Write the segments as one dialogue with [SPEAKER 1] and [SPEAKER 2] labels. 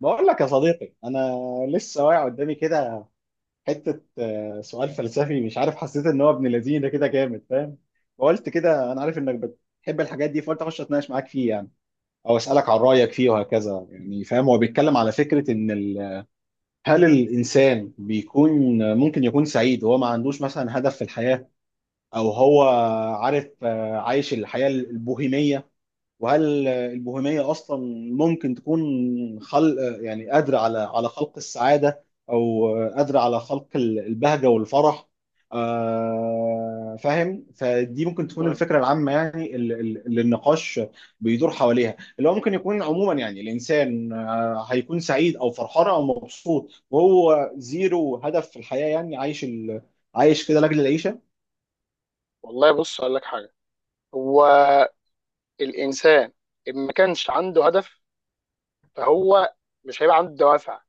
[SPEAKER 1] بقول لك يا صديقي، انا لسه واقع قدامي كده حته سؤال فلسفي. مش عارف، حسيت ان هو ابن لذينه كده جامد. فاهم؟ فقلت كده انا عارف انك بتحب الحاجات دي، فقلت اخش اتناقش معاك فيه يعني او اسالك عن رايك فيه وهكذا. يعني فاهم، هو بيتكلم على فكره ان هل الانسان بيكون ممكن يكون سعيد وهو ما عندوش مثلا هدف في الحياه، او هو عارف عايش الحياه البوهيميه؟ وهل البوهيمية أصلا ممكن تكون خلق، يعني قادرة على خلق السعادة، أو قادرة على خلق البهجة والفرح. فاهم، فدي ممكن تكون
[SPEAKER 2] مم.
[SPEAKER 1] الفكرة العامة، يعني اللي النقاش بيدور حواليها، اللي هو ممكن يكون عموما يعني الإنسان هيكون سعيد أو فرحان أو مبسوط وهو زيرو هدف في الحياة، يعني عايش عايش كده لأجل العيشة.
[SPEAKER 2] والله، بص اقول لك حاجه. هو الانسان إن ما كانش عنده هدف، فهو مش هيبقى عنده دوافع.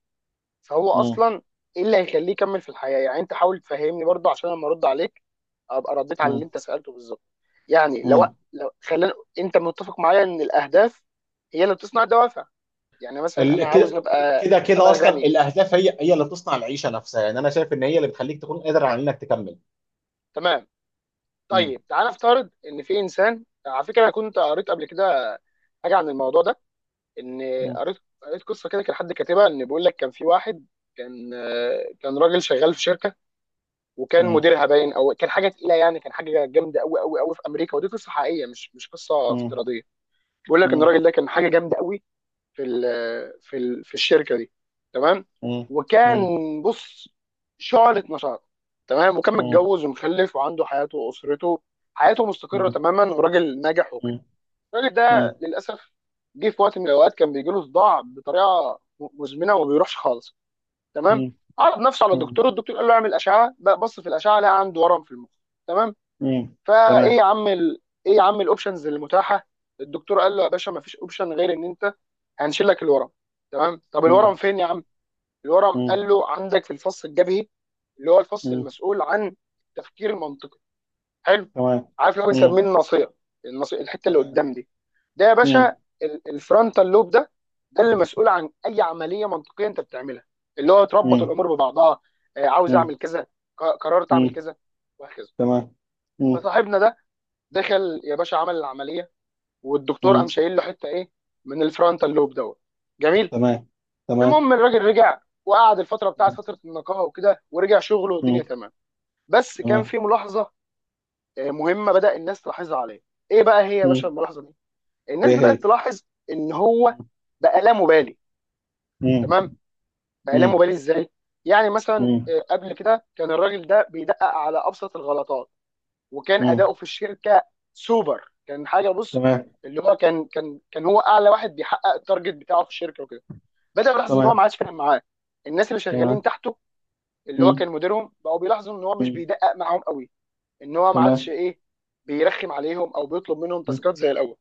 [SPEAKER 2] فهو
[SPEAKER 1] مم.
[SPEAKER 2] اصلا ايه اللي هيخليه يكمل في الحياه؟ يعني انت حاول تفهمني برضه عشان لما ارد عليك ابقى رديت على اللي
[SPEAKER 1] مم.
[SPEAKER 2] انت سالته بالظبط. يعني لو
[SPEAKER 1] مم.
[SPEAKER 2] لو خلينا، انت متفق معايا ان الاهداف هي اللي بتصنع الدوافع. يعني مثلا
[SPEAKER 1] ال-
[SPEAKER 2] انا عاوز
[SPEAKER 1] كده
[SPEAKER 2] ابقى
[SPEAKER 1] كده اصلا
[SPEAKER 2] غني،
[SPEAKER 1] الاهداف هي اللي بتصنع العيشه نفسها، يعني انا شايف ان هي اللي بتخليك تكون قادر على انك تكمل.
[SPEAKER 2] تمام.
[SPEAKER 1] مم.
[SPEAKER 2] طيب تعال نفترض ان في انسان. على فكره انا كنت قريت قبل كده حاجه عن الموضوع ده، ان
[SPEAKER 1] مم.
[SPEAKER 2] قريت قصه كده كان حد كاتبها، ان بيقول لك كان في واحد كان كان راجل شغال في شركه، وكان
[SPEAKER 1] مم.
[SPEAKER 2] مديرها باين او كان حاجه تقيله يعني، كان حاجه جامده قوي قوي قوي في امريكا. ودي قصه حقيقيه مش قصه
[SPEAKER 1] مم.
[SPEAKER 2] افتراضيه. بيقول لك ان
[SPEAKER 1] مم.
[SPEAKER 2] الراجل ده كان حاجه جامده قوي في ال في ال في الشركه دي، تمام.
[SPEAKER 1] مم.
[SPEAKER 2] وكان،
[SPEAKER 1] مم.
[SPEAKER 2] بص، شعلة نشاط، تمام. وكان
[SPEAKER 1] مم.
[SPEAKER 2] متجوز ومخلف وعنده حياته واسرته، حياته مستقره
[SPEAKER 1] مم.
[SPEAKER 2] تماما، وراجل ناجح وكده. الراجل ده
[SPEAKER 1] مم.
[SPEAKER 2] للاسف جه في وقت من الاوقات كان بيجي له صداع بطريقه مزمنه وما بيروحش خالص، تمام.
[SPEAKER 1] مم.
[SPEAKER 2] عرض نفسه على
[SPEAKER 1] مم.
[SPEAKER 2] الدكتور، الدكتور قال له اعمل اشعه. بقى بص في الاشعه لقى عنده ورم في المخ، تمام.
[SPEAKER 1] مم.
[SPEAKER 2] فايه يا
[SPEAKER 1] تمام.
[SPEAKER 2] عم ايه يا عم الاوبشنز المتاحه؟ الدكتور قال له يا باشا ما فيش اوبشن غير ان انت هنشيل لك الورم، تمام. طب
[SPEAKER 1] مم.
[SPEAKER 2] الورم فين يا عم؟ الورم
[SPEAKER 1] مم.
[SPEAKER 2] قال له عندك في الفص الجبهي، اللي هو الفص
[SPEAKER 1] مم.
[SPEAKER 2] المسؤول عن التفكير المنطقي. حلو.
[SPEAKER 1] تمام.
[SPEAKER 2] عارف اللي هو
[SPEAKER 1] مم.
[SPEAKER 2] بنسميه الناصيه، الناصيه الحته اللي
[SPEAKER 1] تمام.
[SPEAKER 2] قدام دي. ده يا باشا
[SPEAKER 1] مم.
[SPEAKER 2] الفرونتال لوب ده، ده اللي مسؤول عن اي عمليه منطقيه انت بتعملها، اللي هو تربط
[SPEAKER 1] مم.
[SPEAKER 2] الامور ببعضها. آه، عاوز
[SPEAKER 1] مم.
[SPEAKER 2] اعمل كذا، قررت اعمل
[SPEAKER 1] مم.
[SPEAKER 2] كذا، وهكذا.
[SPEAKER 1] تمام. مم.
[SPEAKER 2] فصاحبنا ده دخل يا باشا عمل العمليه، والدكتور قام
[SPEAKER 1] مم.
[SPEAKER 2] شايل له حته ايه من الفرونتال لوب دوت. جميل.
[SPEAKER 1] تمام. تمام.
[SPEAKER 2] المهم الراجل رجع وقعد الفتره بتاعت
[SPEAKER 1] مم.
[SPEAKER 2] فتره النقاهه وكده، ورجع شغله
[SPEAKER 1] مم.
[SPEAKER 2] والدنيا تمام. بس كان
[SPEAKER 1] تمام.
[SPEAKER 2] في ملاحظه مهمه بدا الناس تلاحظها عليه. ايه بقى هي يا باشا
[SPEAKER 1] مم.
[SPEAKER 2] الملاحظه دي؟ الناس
[SPEAKER 1] ايه
[SPEAKER 2] بدات
[SPEAKER 1] هي؟
[SPEAKER 2] تلاحظ ان هو بقى لا مبالي،
[SPEAKER 1] مم.
[SPEAKER 2] تمام. بقى لا
[SPEAKER 1] مم.
[SPEAKER 2] مبالي ازاي؟ يعني مثلا
[SPEAKER 1] مم.
[SPEAKER 2] قبل كده كان الراجل ده بيدقق على ابسط الغلطات، وكان
[SPEAKER 1] مم.
[SPEAKER 2] اداؤه في الشركه سوبر، كان حاجه، بص،
[SPEAKER 1] تمام.
[SPEAKER 2] اللي هو كان هو اعلى واحد بيحقق التارجت بتاعه في الشركه وكده. بدا يلاحظ ان هو
[SPEAKER 1] تمام.
[SPEAKER 2] ما عادش فاهم معاه الناس اللي شغالين
[SPEAKER 1] تمام.
[SPEAKER 2] تحته، اللي هو
[SPEAKER 1] مم،
[SPEAKER 2] كان مديرهم، بقوا بيلاحظوا ان هو مش
[SPEAKER 1] مم،
[SPEAKER 2] بيدقق معاهم قوي، ان هو ما عادش
[SPEAKER 1] تمام.
[SPEAKER 2] ايه بيرخم عليهم او بيطلب منهم
[SPEAKER 1] مم،
[SPEAKER 2] تاسكات زي الاول.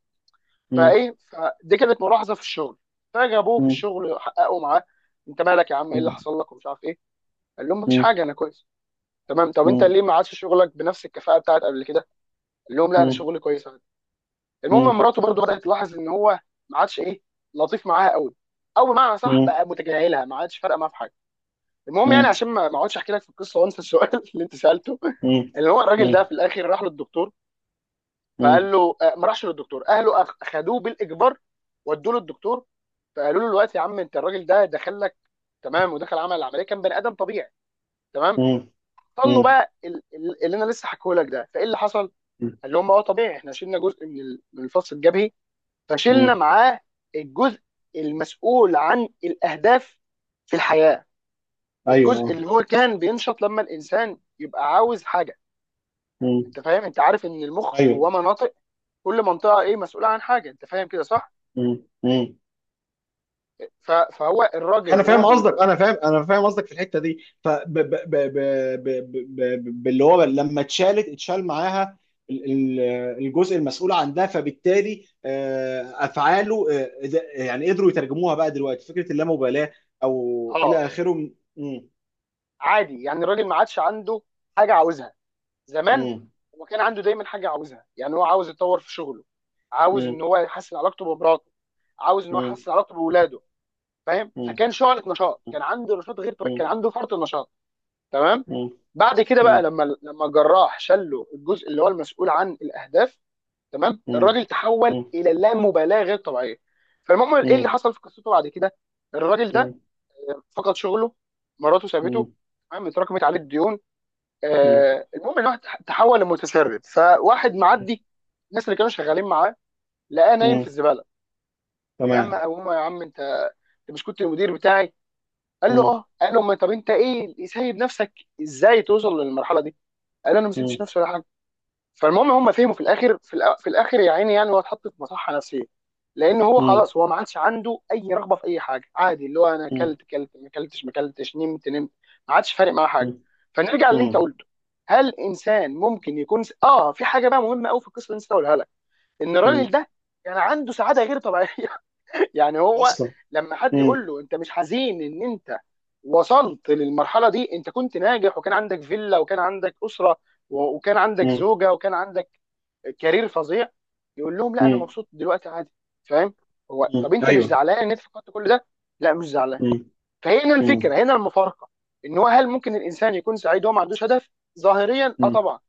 [SPEAKER 1] مم،
[SPEAKER 2] فايه، فدي كانت ملاحظه في الشغل. فجابوه في
[SPEAKER 1] مم،
[SPEAKER 2] الشغل حققوا معاه، انت مالك يا عم، ايه اللي
[SPEAKER 1] مم،
[SPEAKER 2] حصل لك ومش عارف ايه؟ قال لهم مفيش
[SPEAKER 1] مم،
[SPEAKER 2] حاجه، انا كويس. تمام، طب انت
[SPEAKER 1] مم،
[SPEAKER 2] ليه ما عادش شغلك بنفس الكفاءه بتاعت قبل كده؟ قال لهم لا، انا
[SPEAKER 1] مم،
[SPEAKER 2] شغلي كويس عادي.
[SPEAKER 1] مم،
[SPEAKER 2] المهم مراته برضو بدات تلاحظ ان هو ما عادش ايه لطيف معاها قوي، او بمعنى
[SPEAKER 1] مم،
[SPEAKER 2] صح
[SPEAKER 1] مم،
[SPEAKER 2] بقى متجاهلها، ما عادش فارقه معاها في حاجه. المهم يعني عشان ما اقعدش احكي لك في القصه وانسى السؤال اللي انت سالته،
[SPEAKER 1] مم،
[SPEAKER 2] اللي هو الراجل
[SPEAKER 1] مم،
[SPEAKER 2] ده في الاخر راح للدكتور.
[SPEAKER 1] مم،
[SPEAKER 2] فقال له ما راحش للدكتور، اهله خدوه بالاجبار ودوه للدكتور. فقالوا له دلوقتي يا عم انت، الراجل ده دخل لك تمام، ودخل عمل العمليه كان بني ادم طبيعي، تمام.
[SPEAKER 1] مم،
[SPEAKER 2] قال له
[SPEAKER 1] مم،
[SPEAKER 2] بقى اللي انا لسه حكيه لك ده فايه اللي حصل؟ قال لهم هو طبيعي، احنا شلنا جزء من من الفص الجبهي، فشلنا
[SPEAKER 1] مم.
[SPEAKER 2] معاه الجزء المسؤول عن الاهداف في الحياه،
[SPEAKER 1] ايوه
[SPEAKER 2] الجزء
[SPEAKER 1] آه.
[SPEAKER 2] اللي هو كان بينشط لما الانسان يبقى عاوز حاجه.
[SPEAKER 1] مم،
[SPEAKER 2] انت فاهم؟ انت عارف ان المخ
[SPEAKER 1] ايوه.
[SPEAKER 2] جواه مناطق، كل منطقه ايه مسؤوله عن حاجه. انت فاهم كده صح؟
[SPEAKER 1] مم. مم.
[SPEAKER 2] فهو الراجل
[SPEAKER 1] انا
[SPEAKER 2] وهو
[SPEAKER 1] فاهم
[SPEAKER 2] بي...
[SPEAKER 1] قصدك انا فاهم انا فاهم قصدك في الحته دي. ف باللي هو لما اتشال معاها ال- ال- الجزء المسؤول عنها، فبالتالي افعاله، يعني قدروا يترجموها بقى دلوقتي فكره اللامبالاه او
[SPEAKER 2] اه،
[SPEAKER 1] الى اخره.
[SPEAKER 2] عادي، يعني الراجل ما عادش عنده حاجه عاوزها. زمان
[SPEAKER 1] م-
[SPEAKER 2] هو كان عنده دايما حاجه عاوزها، يعني هو عاوز يتطور في شغله، عاوز
[SPEAKER 1] م-
[SPEAKER 2] ان هو يحسن علاقته بمراته، عاوز ان هو
[SPEAKER 1] م-
[SPEAKER 2] يحسن علاقته باولاده. فاهم؟
[SPEAKER 1] م-
[SPEAKER 2] فكان شعلة نشاط، كان عنده نشاط غير
[SPEAKER 1] م-
[SPEAKER 2] طبيعي، كان
[SPEAKER 1] م-
[SPEAKER 2] عنده فرط النشاط، تمام.
[SPEAKER 1] م-
[SPEAKER 2] بعد كده بقى
[SPEAKER 1] م-
[SPEAKER 2] لما الجراح شله الجزء اللي هو المسؤول عن الاهداف، تمام،
[SPEAKER 1] م-
[SPEAKER 2] الراجل تحول
[SPEAKER 1] م-
[SPEAKER 2] الى لا مبالاه غير طبيعيه. فالمهم ايه اللي
[SPEAKER 1] م-
[SPEAKER 2] حصل في قصته بعد كده؟ الراجل ده
[SPEAKER 1] م-
[SPEAKER 2] فقد شغله، مراته سابته،
[SPEAKER 1] م-
[SPEAKER 2] تمام، اتراكمت عليه الديون.
[SPEAKER 1] م-
[SPEAKER 2] آه، المهم الواحد تحول لمتسرب، فواحد معدي، الناس اللي كانوا شغالين معاه لقاه نايم
[SPEAKER 1] م-
[SPEAKER 2] في الزباله.
[SPEAKER 1] تمام.
[SPEAKER 2] فاما ابوه يا عم انت، انت مش كنت المدير بتاعي؟ قال له
[SPEAKER 1] م-
[SPEAKER 2] اه. قال له ما طب انت ايه سايب نفسك ازاي توصل للمرحله دي؟ قال له انا ما سبتش
[SPEAKER 1] م-
[SPEAKER 2] نفسي ولا حاجه. فالمهم هم فهموا في الاخر، في الاخر يا عيني، يعني هو اتحط في مصحه نفسيه، لان هو
[SPEAKER 1] م-
[SPEAKER 2] خلاص هو ما عادش عنده اي رغبه في اي حاجه، عادي. اللي هو انا اكلت اكلت، ما اكلتش ما اكلتش، نمت نمت، ما عادش فارق معاه حاجه.
[SPEAKER 1] م-
[SPEAKER 2] فنرجع للي انت
[SPEAKER 1] م-
[SPEAKER 2] قلته، هل انسان ممكن يكون اه، في حاجه بقى مهمه قوي في القصه اللي انت قولها لك، ان الراجل
[SPEAKER 1] مم.
[SPEAKER 2] ده كان عنده سعاده غير طبيعيه يعني
[SPEAKER 1] اصلا،
[SPEAKER 2] هو
[SPEAKER 1] اصلا.
[SPEAKER 2] لما حد
[SPEAKER 1] مم.
[SPEAKER 2] يقول له انت مش حزين ان انت وصلت للمرحله دي، انت كنت ناجح وكان عندك فيلا وكان عندك اسره وكان عندك
[SPEAKER 1] مم.
[SPEAKER 2] زوجه وكان عندك كارير فظيع، يقول لهم لا، انا
[SPEAKER 1] مم.
[SPEAKER 2] مبسوط دلوقتي عادي. فاهم؟ هو
[SPEAKER 1] مم.
[SPEAKER 2] طب انت مش
[SPEAKER 1] ايوه.
[SPEAKER 2] زعلان ان انت فقدت كل ده؟ لا، مش زعلان.
[SPEAKER 1] مم.
[SPEAKER 2] فهنا
[SPEAKER 1] مم.
[SPEAKER 2] الفكره، هنا المفارقه، ان هو هل ممكن الانسان يكون سعيد وهو ما عندوش هدف؟ ظاهريا اه
[SPEAKER 1] مم.
[SPEAKER 2] طبعا،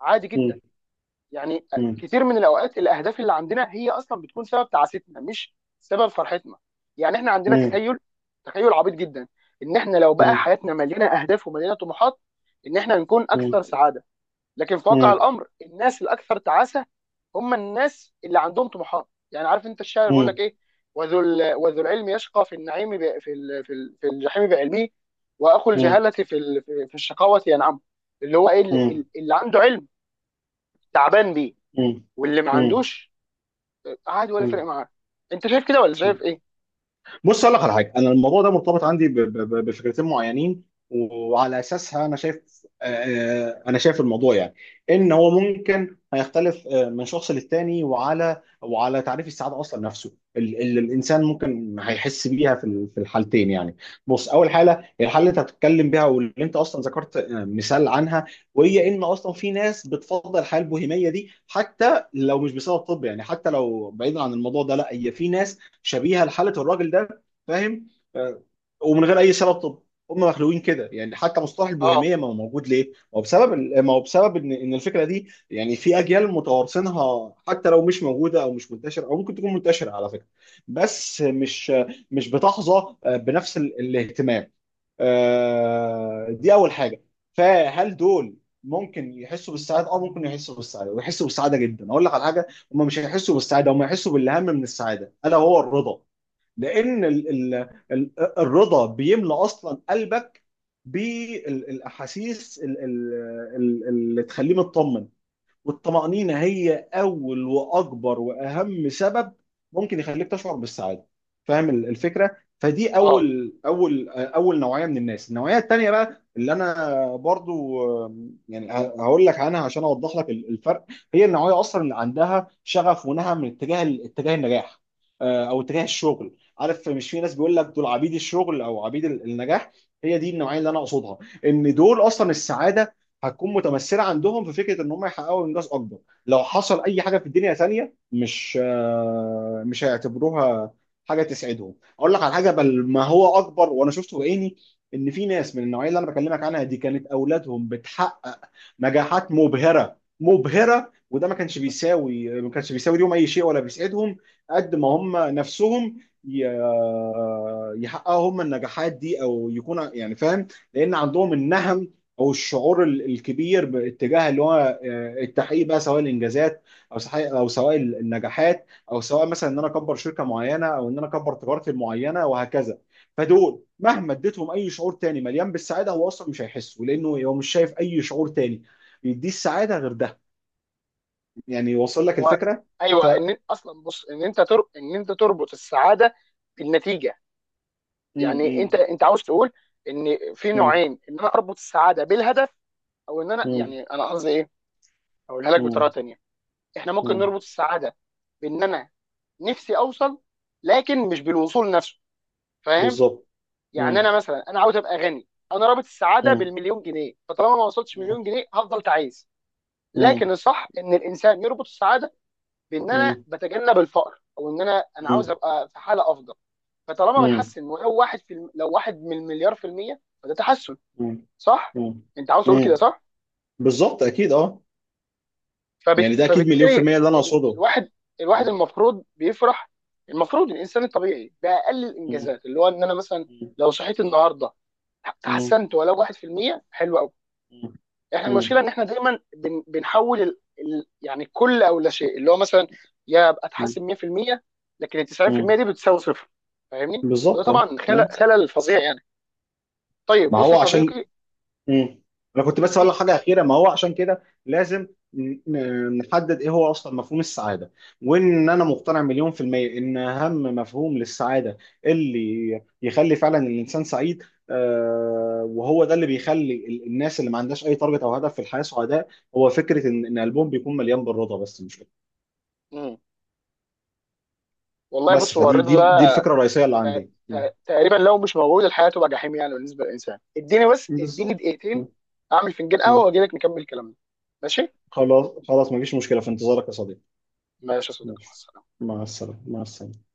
[SPEAKER 2] عادي جدا.
[SPEAKER 1] مم.
[SPEAKER 2] يعني
[SPEAKER 1] مم.
[SPEAKER 2] كتير من الاوقات الاهداف اللي عندنا هي اصلا بتكون سبب تعاستنا، مش سبب فرحتنا. يعني احنا عندنا
[SPEAKER 1] مم.
[SPEAKER 2] تخيل، عبيط جدا، ان احنا لو بقى
[SPEAKER 1] مم.
[SPEAKER 2] حياتنا مليانه اهداف ومليانه طموحات ان احنا نكون اكثر
[SPEAKER 1] مم.
[SPEAKER 2] سعاده. لكن في واقع
[SPEAKER 1] مم.
[SPEAKER 2] الامر الناس الاكثر تعاسه هم الناس اللي عندهم طموحات. يعني عارف انت الشاعر بيقول لك ايه؟ وذو العلم يشقى في النعيم ب... في ال... في, ال... في الجحيم بعلمه، واخو
[SPEAKER 1] مم.
[SPEAKER 2] الجهاله في في الشقاوه ينعم. اللي هو ايه
[SPEAKER 1] مم.
[SPEAKER 2] اللي عنده علم تعبان بيه،
[SPEAKER 1] مم.
[SPEAKER 2] واللي ما
[SPEAKER 1] مم.
[SPEAKER 2] عندوش عادي ولا فرق
[SPEAKER 1] مم.
[SPEAKER 2] معاه. انت شايف كده ولا شايف
[SPEAKER 1] مم.
[SPEAKER 2] ايه؟
[SPEAKER 1] بص، اقول لك على حاجه. انا الموضوع ده مرتبط عندي بفكرتين معينين، وعلى اساسها انا شايف، انا شايف الموضوع، يعني ان هو ممكن هيختلف من شخص للتاني، وعلى تعريف السعاده اصلا نفسه، اللي الانسان ممكن هيحس بيها في الحالتين يعني. بص، اول حاله، الحاله اللي انت هتتكلم بيها واللي انت اصلا ذكرت مثال عنها، وهي ان اصلا في ناس بتفضل الحياه البوهيميه دي، حتى لو مش بسبب طب. يعني حتى لو بعيدا عن الموضوع ده، لا، هي في ناس شبيهه لحاله الراجل ده. فاهم؟ آه، ومن غير اي سبب طب، هم مخلوقين كده، يعني حتى مصطلح
[SPEAKER 2] اه.
[SPEAKER 1] البوهيميه ما هو موجود ليه؟ ما هو بسبب ان الفكره دي، يعني في اجيال متوارثينها، حتى لو مش موجوده او مش منتشره، او ممكن تكون منتشره على فكره، بس مش بتحظى بنفس الاهتمام. دي اول حاجه. فهل دول ممكن يحسوا بالسعاده؟ اه، ممكن يحسوا بالسعاده، ويحسوا بالسعاده جدا. اقول لك على حاجه، هم مش هيحسوا بالسعاده، هم هيحسوا بالاهم من السعاده الا هو الرضا. لان ال ال
[SPEAKER 2] مم.
[SPEAKER 1] ال الرضا بيملى اصلا قلبك بالاحاسيس اللي تخليه مطمن. والطمأنينة هي أول وأكبر وأهم سبب ممكن يخليك تشعر بالسعادة. فاهم الفكرة؟ فدي
[SPEAKER 2] اه.
[SPEAKER 1] أول نوعية من الناس. النوعية التانية بقى اللي أنا برضو، يعني هقول لك عنها عشان أوضح لك الفرق. هي النوعية أصلا اللي عندها شغف ونهى من اتجاه النجاح، أو اتجاه الشغل. عارف مش في ناس بيقول لك دول عبيد الشغل أو عبيد النجاح؟ هي دي النوعية اللي أنا أقصدها. إن دول أصلا السعادة هتكون متمثله عندهم في فكره ان هم يحققوا انجاز اكبر. لو حصل اي حاجه في الدنيا ثانيه مش هيعتبروها حاجه تسعدهم. اقول لك على حاجه، بل ما هو اكبر، وانا شفته بعيني، ان في ناس من النوعيه اللي انا بكلمك عنها دي، كانت اولادهم بتحقق نجاحات مبهره مبهره، وده ما كانش
[SPEAKER 2] مم.
[SPEAKER 1] بيساوي ما كانش بيساوي ليهم اي شيء ولا بيسعدهم، قد ما هم نفسهم ي- يحققوا هم النجاحات دي او يكون، يعني فاهم؟ لان عندهم النهم، او الشعور الكبير باتجاه اللي هو التحقيق بقى، سواء الانجازات، او صحيح، او سواء النجاحات، او سواء مثلا ان انا اكبر شركه معينه، او ان انا اكبر تجارتي المعينه، وهكذا. فدول مهما اديتهم اي شعور تاني مليان بالسعاده، هو اصلا مش هيحسوا، لانه هو مش شايف اي شعور تاني يديه السعاده غير ده. يعني وصل لك
[SPEAKER 2] هو
[SPEAKER 1] الفكره؟ ف
[SPEAKER 2] ايوه،
[SPEAKER 1] م-
[SPEAKER 2] ان اصلا بص، ان انت ان انت تربط السعاده بالنتيجه. يعني انت
[SPEAKER 1] م-
[SPEAKER 2] انت عاوز تقول ان في
[SPEAKER 1] م-
[SPEAKER 2] نوعين، ان انا اربط السعاده بالهدف او ان انا،
[SPEAKER 1] م-
[SPEAKER 2] يعني انا قصدي ايه، اقولها لك بطريقه
[SPEAKER 1] م-
[SPEAKER 2] تانيه. احنا ممكن
[SPEAKER 1] م-
[SPEAKER 2] نربط السعاده بان انا نفسي اوصل، لكن مش بالوصول نفسه. فاهم؟
[SPEAKER 1] بالظبط.
[SPEAKER 2] يعني
[SPEAKER 1] م-
[SPEAKER 2] انا مثلا انا عاوز ابقى غني، انا رابط السعاده
[SPEAKER 1] م-
[SPEAKER 2] بالمليون جنيه، فطالما ما وصلتش
[SPEAKER 1] م-
[SPEAKER 2] مليون جنيه هفضل تعيس.
[SPEAKER 1] م-
[SPEAKER 2] لكن الصح ان الانسان يربط السعاده بان انا
[SPEAKER 1] م-
[SPEAKER 2] بتجنب الفقر، او ان انا عاوز
[SPEAKER 1] م-
[SPEAKER 2] ابقى في حاله افضل. فطالما بتحسن، ولو واحد لو واحد من مليار في المية، فده تحسن،
[SPEAKER 1] م-
[SPEAKER 2] صح؟
[SPEAKER 1] م-
[SPEAKER 2] انت عاوز تقول كده
[SPEAKER 1] م-
[SPEAKER 2] صح؟
[SPEAKER 1] بالظبط، اكيد، اه. يعني ده اكيد مليون في
[SPEAKER 2] فبالتالي
[SPEAKER 1] المية اللي انا اقصده.
[SPEAKER 2] الواحد،
[SPEAKER 1] م-
[SPEAKER 2] الواحد المفروض بيفرح. المفروض الانسان الطبيعي باقل
[SPEAKER 1] م-
[SPEAKER 2] الانجازات، اللي هو ان انا مثلا لو صحيت النهارده
[SPEAKER 1] م-
[SPEAKER 2] تحسنت ولو 1%، حلو قوي. احنا المشكله
[SPEAKER 1] م-
[SPEAKER 2] ان احنا دايما بنحول يعني كل او لا شيء، اللي هو مثلا يا ابقى
[SPEAKER 1] م-
[SPEAKER 2] اتحسن 100%، لكن ال 90%
[SPEAKER 1] م-
[SPEAKER 2] دي بتساوي صفر. فاهمني؟ وده
[SPEAKER 1] بالظبط، اه.
[SPEAKER 2] طبعا خلل
[SPEAKER 1] م.
[SPEAKER 2] فظيع يعني. طيب
[SPEAKER 1] ما
[SPEAKER 2] بص يا
[SPEAKER 1] هو عشان
[SPEAKER 2] صديقي،
[SPEAKER 1] م. انا كنت بس اقول لك
[SPEAKER 2] الدي...
[SPEAKER 1] حاجه اخيره. ما هو عشان كده لازم نحدد ايه هو اصلا مفهوم السعاده، وان انا مقتنع 1,000,000% ان اهم مفهوم للسعاده، اللي يخلي فعلا الانسان سعيد، وهو ده اللي بيخلي الناس اللي ما عندهاش اي تارجت او هدف في الحياه سعداء، هو فكره ان قلبهم بيكون مليان بالرضا. بس مش
[SPEAKER 2] مم. والله
[SPEAKER 1] بس
[SPEAKER 2] بص، هو
[SPEAKER 1] فدي
[SPEAKER 2] الرضا
[SPEAKER 1] دي
[SPEAKER 2] ده
[SPEAKER 1] الفكره الرئيسيه اللي
[SPEAKER 2] ت-
[SPEAKER 1] عندي. م.
[SPEAKER 2] تقريبا لو مش موجود الحياه تبقى جحيم يعني بالنسبه للانسان. اديني بس، اديني
[SPEAKER 1] بالظبط. م.
[SPEAKER 2] دقيقتين، اعمل فنجان
[SPEAKER 1] م.
[SPEAKER 2] قهوه واجي لك نكمل كلامنا. ماشي.
[SPEAKER 1] خلاص خلاص، مفيش مشكله. في انتظارك يا صديقي.
[SPEAKER 2] ماشي يا صديقي، مع
[SPEAKER 1] ماشي،
[SPEAKER 2] السلامه.
[SPEAKER 1] مع السلامه، مع السلامه.